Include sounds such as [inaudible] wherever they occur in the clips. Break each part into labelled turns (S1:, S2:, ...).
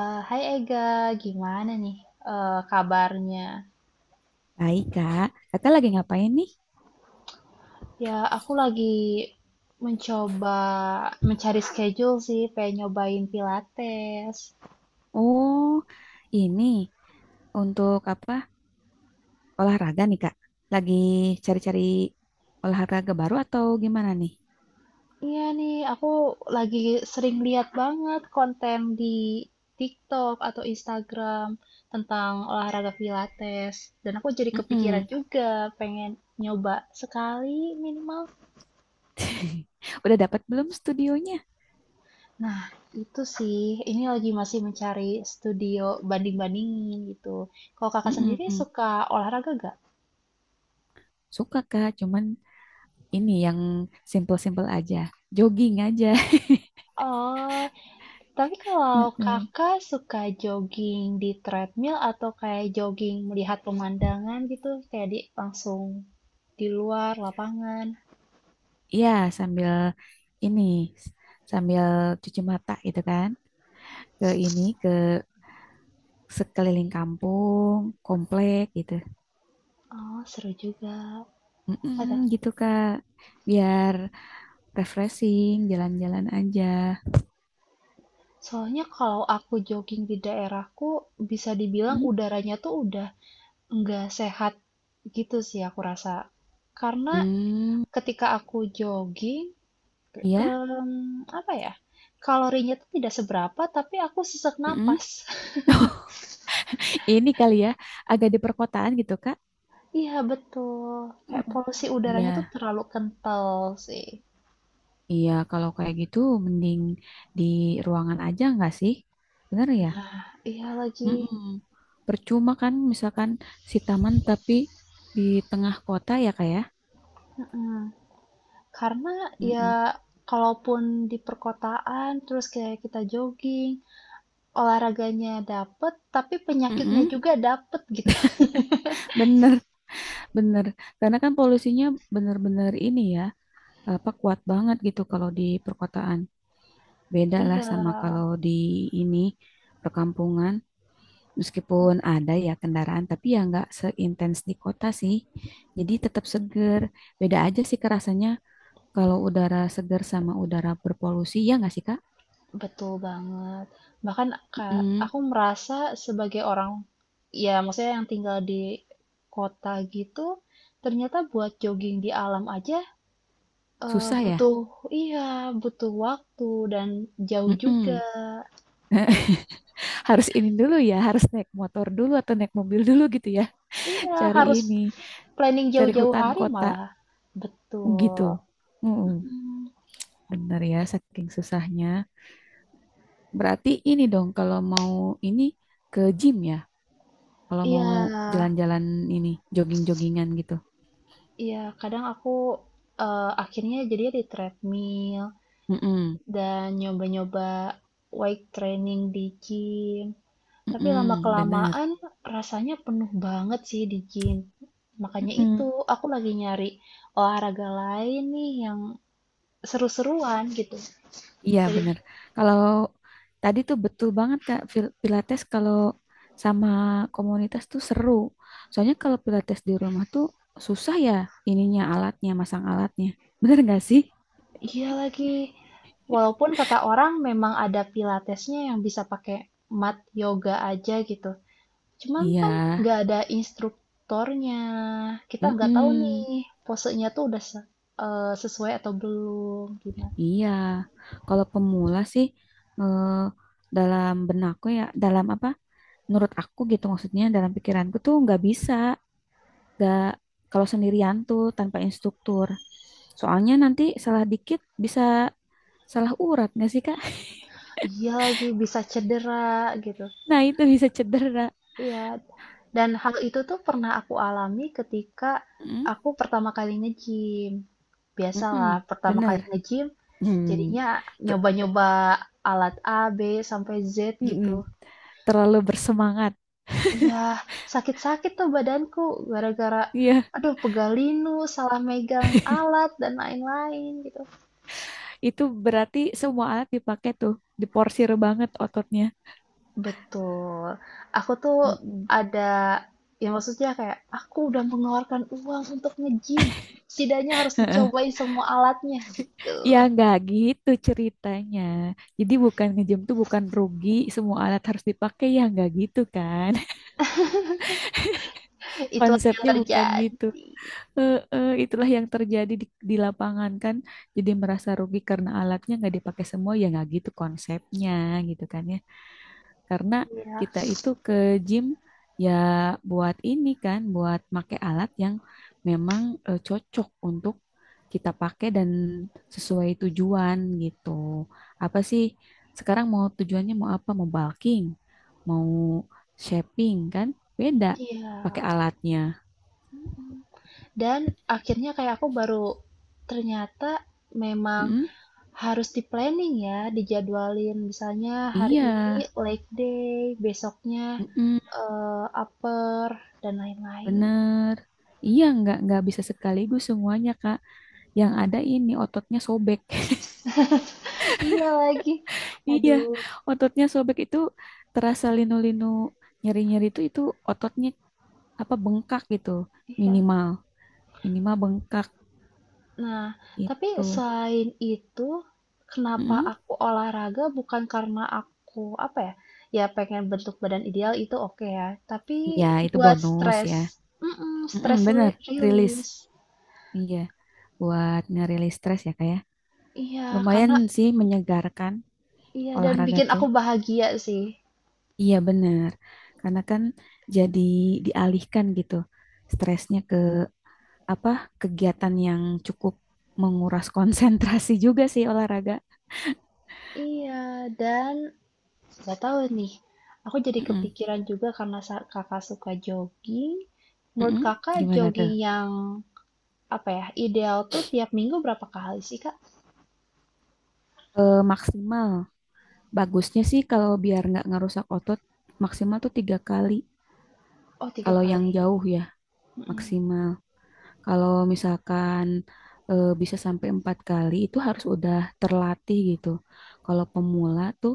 S1: Hai Ega, gimana nih kabarnya?
S2: Baik, Kak. Kakak lagi ngapain nih?
S1: Ya, aku lagi mencoba mencari schedule sih, pengen nyobain Pilates.
S2: Oh, ini untuk apa? Olahraga nih, Kak. Lagi cari-cari olahraga baru atau gimana nih?
S1: Iya nih, aku lagi sering lihat banget konten di TikTok atau Instagram tentang olahraga Pilates, dan aku jadi kepikiran
S2: Mm-mm.
S1: juga pengen nyoba sekali minimal.
S2: [laughs] Udah dapat belum studionya?
S1: Nah, itu sih. Ini lagi masih mencari studio banding-bandingin gitu. Kalau kakak sendiri
S2: Mm-mm.
S1: suka olahraga gak?
S2: Suka, Kak. Cuman ini yang simple-simple aja. Jogging aja. [laughs]
S1: Oh, tapi kalau
S2: Mm-mm.
S1: kakak suka jogging di treadmill atau kayak jogging melihat pemandangan gitu, kayak di langsung di luar lapangan.
S2: Iya, sambil ini, s- sambil cuci mata gitu kan. Ke ini, ke sekeliling kampung, komplek gitu.
S1: Oh, seru juga.
S2: Mm-mm,
S1: Ada.
S2: gitu Kak, biar refreshing, jalan-jalan aja.
S1: Soalnya kalau aku jogging di daerahku, bisa dibilang
S2: Mm?
S1: udaranya tuh udah nggak sehat gitu sih aku rasa. Karena
S2: Hmm,
S1: ketika aku jogging,
S2: ya.
S1: apa ya, kalorinya tuh tidak seberapa tapi aku sesak
S2: Mm-mm.
S1: napas. [laughs]
S2: Ini kali ya, agak di perkotaan gitu Kak.
S1: Iya betul, kayak
S2: Mm.
S1: polusi
S2: Iya,
S1: udaranya tuh terlalu kental sih.
S2: iya kalau kayak gitu mending di ruangan aja nggak sih? Bener ya?
S1: Iya lagi.
S2: Mm-mm. Percuma kan misalkan si taman tapi di tengah kota ya Kak ya?
S1: Mhm. Karena ya
S2: Mm-mm.
S1: kalaupun di perkotaan terus kayak kita jogging, olahraganya dapet tapi penyakitnya
S2: Mm-mm.
S1: juga dapet gitu. [laughs]
S2: Bener, bener. Karena kan polusinya bener-bener ini ya, apa, kuat banget gitu kalau di perkotaan. Beda lah
S1: Iya.
S2: sama kalau di ini perkampungan. Meskipun ada ya kendaraan, tapi ya nggak seintens di kota sih. Jadi tetap seger. Beda aja sih kerasanya kalau udara seger sama udara berpolusi. Ya nggak sih, Kak?
S1: Betul banget. Bahkan, Kak,
S2: Mm-mm.
S1: aku merasa sebagai orang, ya maksudnya yang tinggal di kota gitu, ternyata buat jogging di alam aja
S2: Susah ya?
S1: butuh, iya, butuh waktu dan jauh juga.
S2: Mm-mm. [laughs] Harus ini dulu ya, harus naik motor dulu atau naik mobil dulu gitu ya. [laughs]
S1: Iya,
S2: Cari
S1: harus
S2: ini,
S1: planning
S2: cari
S1: jauh-jauh
S2: hutan
S1: hari
S2: kota
S1: malah. Betul.
S2: gitu. Mm-mm.
S1: Mm,
S2: Bener ya, saking susahnya. Berarti ini dong kalau mau ini ke gym ya, kalau mau
S1: iya,
S2: jalan-jalan ini jogging-joggingan gitu.
S1: iya. Kadang aku akhirnya jadinya di treadmill
S2: Mm-mm.
S1: dan nyoba-nyoba weight training di gym. Tapi
S2: Mm-mm, bener.
S1: lama-kelamaan rasanya penuh banget sih di gym. Makanya itu,
S2: Mm-mm.
S1: aku lagi nyari olahraga lain nih yang seru-seruan gitu.
S2: Iya
S1: Jadi,
S2: bener. Kalau tadi tuh betul banget Kak, Pilates kalau sama komunitas tuh seru. Soalnya kalau Pilates di rumah tuh susah ya ininya alatnya, masang alatnya. Bener gak sih?
S1: iya lagi. Walaupun kata orang memang ada pilatesnya yang bisa pakai mat yoga aja gitu. Cuman
S2: Iya.
S1: kan nggak ada instruktornya. Kita nggak tahu nih
S2: Mm-mm.
S1: posenya tuh udah sesuai atau belum gimana.
S2: Iya, kalau pemula sih eh, dalam benakku ya, dalam apa? Menurut aku gitu maksudnya dalam pikiranku tuh nggak bisa, nggak kalau sendirian tuh tanpa instruktur. Soalnya nanti salah dikit bisa salah urat nggak sih Kak? [laughs]
S1: Iya lagi bisa cedera gitu.
S2: Nah itu bisa cedera.
S1: Iya, dan hal itu tuh pernah aku alami ketika
S2: Mm,
S1: aku pertama kali nge-gym. Biasalah,
S2: mm-mm,
S1: pertama kali
S2: bener.
S1: nge-gym
S2: Hmm,
S1: jadinya
S2: ter-
S1: nyoba-nyoba alat A, B, sampai Z
S2: mm-mm,
S1: gitu.
S2: terlalu bersemangat.
S1: Iya, sakit-sakit tuh badanku gara-gara
S2: Iya,
S1: aduh pegalinu, salah megang alat dan lain-lain gitu.
S2: itu berarti semua alat dipakai tuh, diporsir banget ototnya.
S1: Betul. Aku tuh
S2: Mm-mm.
S1: ada ya maksudnya kayak aku udah mengeluarkan uang untuk nge-gym. Setidaknya harus
S2: [laughs]
S1: dicobain semua alatnya gitu.
S2: Ya nggak gitu ceritanya. Jadi bukan ngejam tuh bukan rugi, semua alat harus dipakai ya nggak gitu kan. [laughs]
S1: Itu yang
S2: Konsepnya
S1: terjadi
S2: bukan gitu. Itulah yang terjadi di lapangan kan. Jadi merasa rugi karena alatnya nggak dipakai semua ya nggak gitu konsepnya gitu kan ya. Karena
S1: ya.
S2: kita itu ke gym ya buat ini kan, buat make alat yang memang cocok untuk kita pakai dan sesuai tujuan gitu. Apa sih sekarang mau tujuannya mau apa? Mau bulking, mau shaping kan? Beda
S1: Iya.
S2: pakai alatnya.
S1: Dan akhirnya kayak aku baru ternyata memang
S2: Mm-mm.
S1: harus di-planning ya, dijadwalin misalnya hari
S2: Iya,
S1: ini leg day, besoknya
S2: mm-mm,
S1: upper dan lain-lain.
S2: bener. Iya, nggak bisa sekaligus semuanya, Kak. Yang ada ini ototnya sobek. [laughs]
S1: Iya lagi.
S2: Iya,
S1: Aduh,
S2: ototnya sobek itu terasa linu-linu nyeri-nyeri itu ototnya apa bengkak gitu,
S1: iya.
S2: minimal minimal bengkak
S1: Nah, tapi
S2: itu.
S1: selain itu, kenapa
S2: Mm-mm.
S1: aku olahraga bukan karena aku apa ya? Ya pengen bentuk badan ideal itu oke ya, tapi
S2: Iya itu
S1: buat
S2: bonus
S1: stres,
S2: ya. Mm-mm,
S1: stres
S2: bener rilis.
S1: release.
S2: Iya buat ngerilis stres ya kayak.
S1: Iya,
S2: Lumayan
S1: karena
S2: sih menyegarkan
S1: iya dan
S2: olahraga
S1: bikin
S2: tuh.
S1: aku bahagia sih.
S2: Iya bener karena kan jadi dialihkan gitu stresnya ke apa kegiatan yang cukup menguras [laughs] konsentrasi juga sih olahraga.
S1: Iya, dan nggak tahu nih. Aku jadi
S2: Mm-mm.
S1: kepikiran juga karena kakak suka jogging. Menurut
S2: Mm-mm.
S1: kakak
S2: Gimana tuh?
S1: jogging yang apa ya ideal tuh tiap minggu berapa kali sih, kak?
S2: Maksimal. Bagusnya sih kalau biar nggak ngerusak otot, maksimal tuh tiga kali.
S1: Oh 3
S2: Kalau yang
S1: kali.
S2: jauh ya,
S1: Mhm,
S2: maksimal. Kalau misalkan bisa sampai empat kali, itu harus udah terlatih gitu. Kalau pemula tuh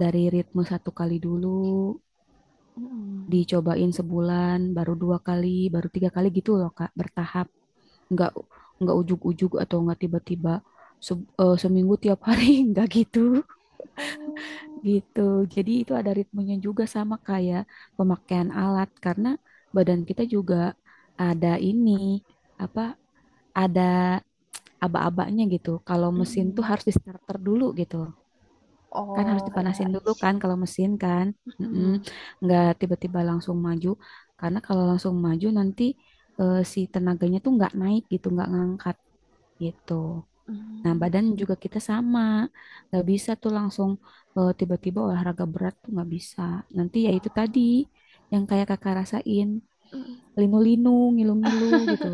S2: dari ritme satu kali dulu,
S1: mhm.
S2: dicobain sebulan, baru dua kali, baru tiga kali gitu loh, Kak, bertahap. Nggak, nggak ujug-ujug atau nggak tiba-tiba seminggu tiap hari, [laughs] nggak gitu.
S1: Oh,
S2: Gitu. Jadi itu ada ritmenya juga sama kayak pemakaian alat karena badan kita juga ada ini apa ada aba-abanya gitu. Kalau mesin tuh
S1: mhm.
S2: harus di starter dulu gitu. Kan harus
S1: Oh, ya,
S2: dipanasin
S1: I
S2: dulu kan
S1: see.
S2: kalau mesin kan. Mm-mm.
S1: Mhm,
S2: Nggak tiba-tiba langsung maju karena kalau langsung maju nanti si tenaganya tuh nggak naik gitu, nggak ngangkat gitu. Nah,
S1: mmm,
S2: badan juga kita sama. Nggak bisa tuh langsung tiba-tiba olahraga berat tuh nggak bisa. Nanti ya itu tadi yang kayak kakak rasain,
S1: mhm,
S2: linu-linu, ngilu-ngilu gitu.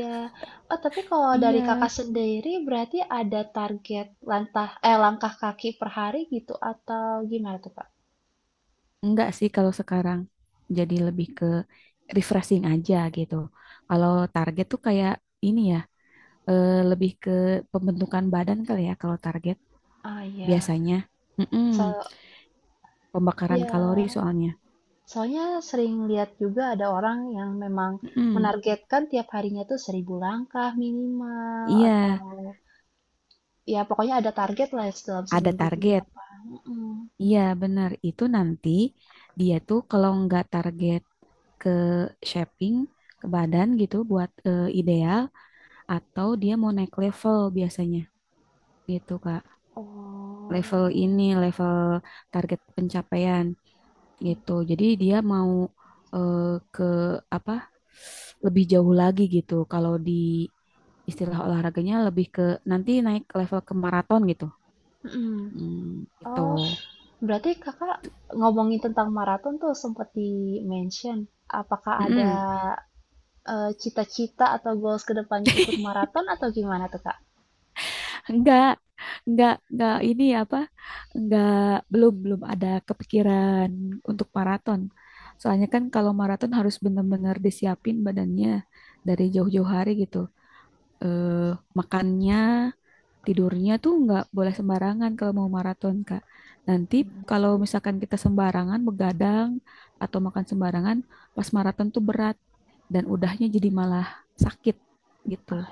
S1: ya. Oh, tapi kalau dari
S2: Iya.
S1: Kakak sendiri berarti ada target langkah kaki per hari gitu atau gimana tuh, Kak?
S2: Enggak sih kalau sekarang jadi lebih ke refreshing aja gitu. Kalau target tuh kayak ini ya, lebih ke pembentukan badan kali ya kalau target
S1: Ah, ya,
S2: biasanya. Mm-mm,
S1: so
S2: pembakaran kalori
S1: ya,
S2: soalnya.
S1: soalnya sering lihat juga ada orang yang memang
S2: Mm-mm,
S1: menargetkan tiap harinya tuh 1.000 langkah minimal
S2: iya,
S1: atau ya pokoknya ada target lah dalam
S2: ada
S1: seminggu tuh
S2: target.
S1: berapa. Mhm.
S2: Iya benar itu nanti dia tuh kalau nggak target ke shaping ke badan gitu buat ideal atau dia mau naik level biasanya gitu Kak. Level
S1: Oh,
S2: ini level target pencapaian gitu. Jadi dia mau eh, ke apa lebih jauh lagi gitu. Kalau di istilah olahraganya lebih ke nanti naik level ke maraton gitu.
S1: mhm.
S2: Hmm, gitu.
S1: Oh, berarti Kakak ngomongin tentang maraton tuh sempat di-mention. Apakah ada
S2: Mm-mm.
S1: cita-cita atau goals ke depannya ikut
S2: [laughs]
S1: maraton atau gimana tuh, Kak?
S2: Enggak, enggak ini apa? Enggak, belum belum ada kepikiran untuk maraton. Soalnya kan kalau maraton harus benar-benar disiapin badannya dari jauh-jauh hari gitu. Eh, makannya, tidurnya tuh enggak boleh sembarangan kalau mau maraton, Kak. Nanti kalau misalkan kita sembarangan begadang atau makan sembarangan, pas maraton tuh berat dan udahnya jadi malah sakit gitu.
S1: Ah,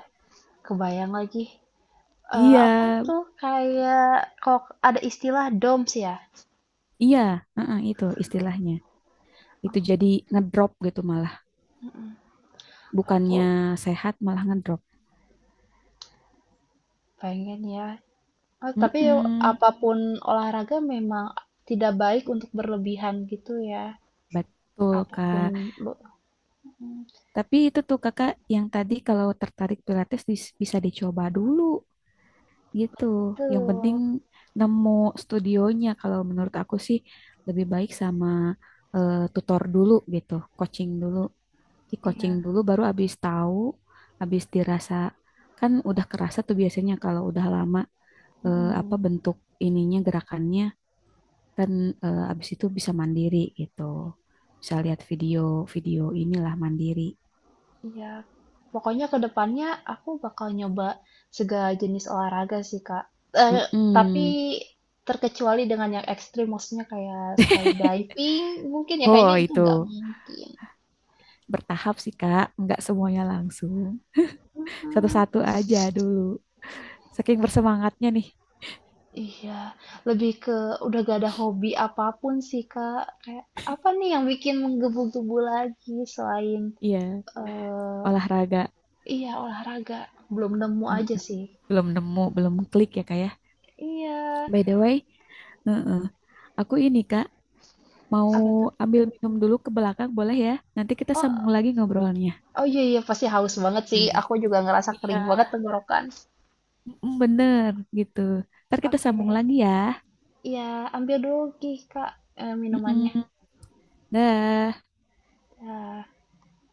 S1: kebayang lagi.
S2: Iya,
S1: Apa tuh kayak kok ada istilah DOMS ya?
S2: iya, heeh, itu istilahnya. Itu jadi ngedrop gitu malah bukannya
S1: Aku
S2: sehat malah ngedrop.
S1: pengen ya. Oh, tapi
S2: Mm-mm,
S1: apapun olahraga memang tidak baik untuk berlebihan gitu ya.
S2: betul
S1: Apapun
S2: kak.
S1: lo-
S2: Tapi itu tuh kakak yang tadi kalau tertarik pilates bisa dicoba dulu gitu, yang penting
S1: tuh.
S2: nemu studionya. Kalau menurut aku sih lebih baik sama tutor dulu gitu, coaching dulu, di coaching
S1: Iya.
S2: dulu baru abis tahu, abis dirasa, kan udah kerasa tuh biasanya kalau udah lama apa
S1: Mhm,
S2: bentuk ininya gerakannya kan, abis itu bisa mandiri gitu, bisa lihat video-video inilah mandiri.
S1: iya. Pokoknya ke depannya aku bakal nyoba segala jenis olahraga sih, Kak. eh tapi
S2: Mm-mm.
S1: terkecuali dengan yang ekstrim, maksudnya kayak
S2: [laughs]
S1: skydiving mungkin ya,
S2: Oh
S1: kayaknya itu
S2: itu
S1: nggak mungkin.
S2: bertahap sih kak, nggak semuanya langsung,
S1: Mhm,
S2: satu-satu aja dulu saking bersemangatnya nih.
S1: iya. Lebih ke udah gak ada hobi apapun sih, Kak. Kayak apa nih yang bikin menggebu-gebu lagi selain,
S2: Iya,
S1: eh
S2: olahraga.
S1: iya, olahraga. Belum nemu
S2: Eh,
S1: aja sih.
S2: belum nemu belum klik ya kak ya,
S1: Iya,
S2: by the way. Heeh. Aku ini Kak mau
S1: apa tuh?
S2: ambil minum dulu ke belakang boleh ya? Nanti kita
S1: Oh
S2: sambung lagi ngobrolnya.
S1: Oh iya, iya, pasti haus banget sih.
S2: Hmm.
S1: Aku juga ngerasa
S2: Iya,
S1: kering banget tenggorokan.
S2: mm, bener gitu. Ntar kita
S1: Oke,
S2: sambung lagi ya.
S1: ya ambil dulu Kak, minumannya.
S2: Mm-mm. Dah.
S1: Ya.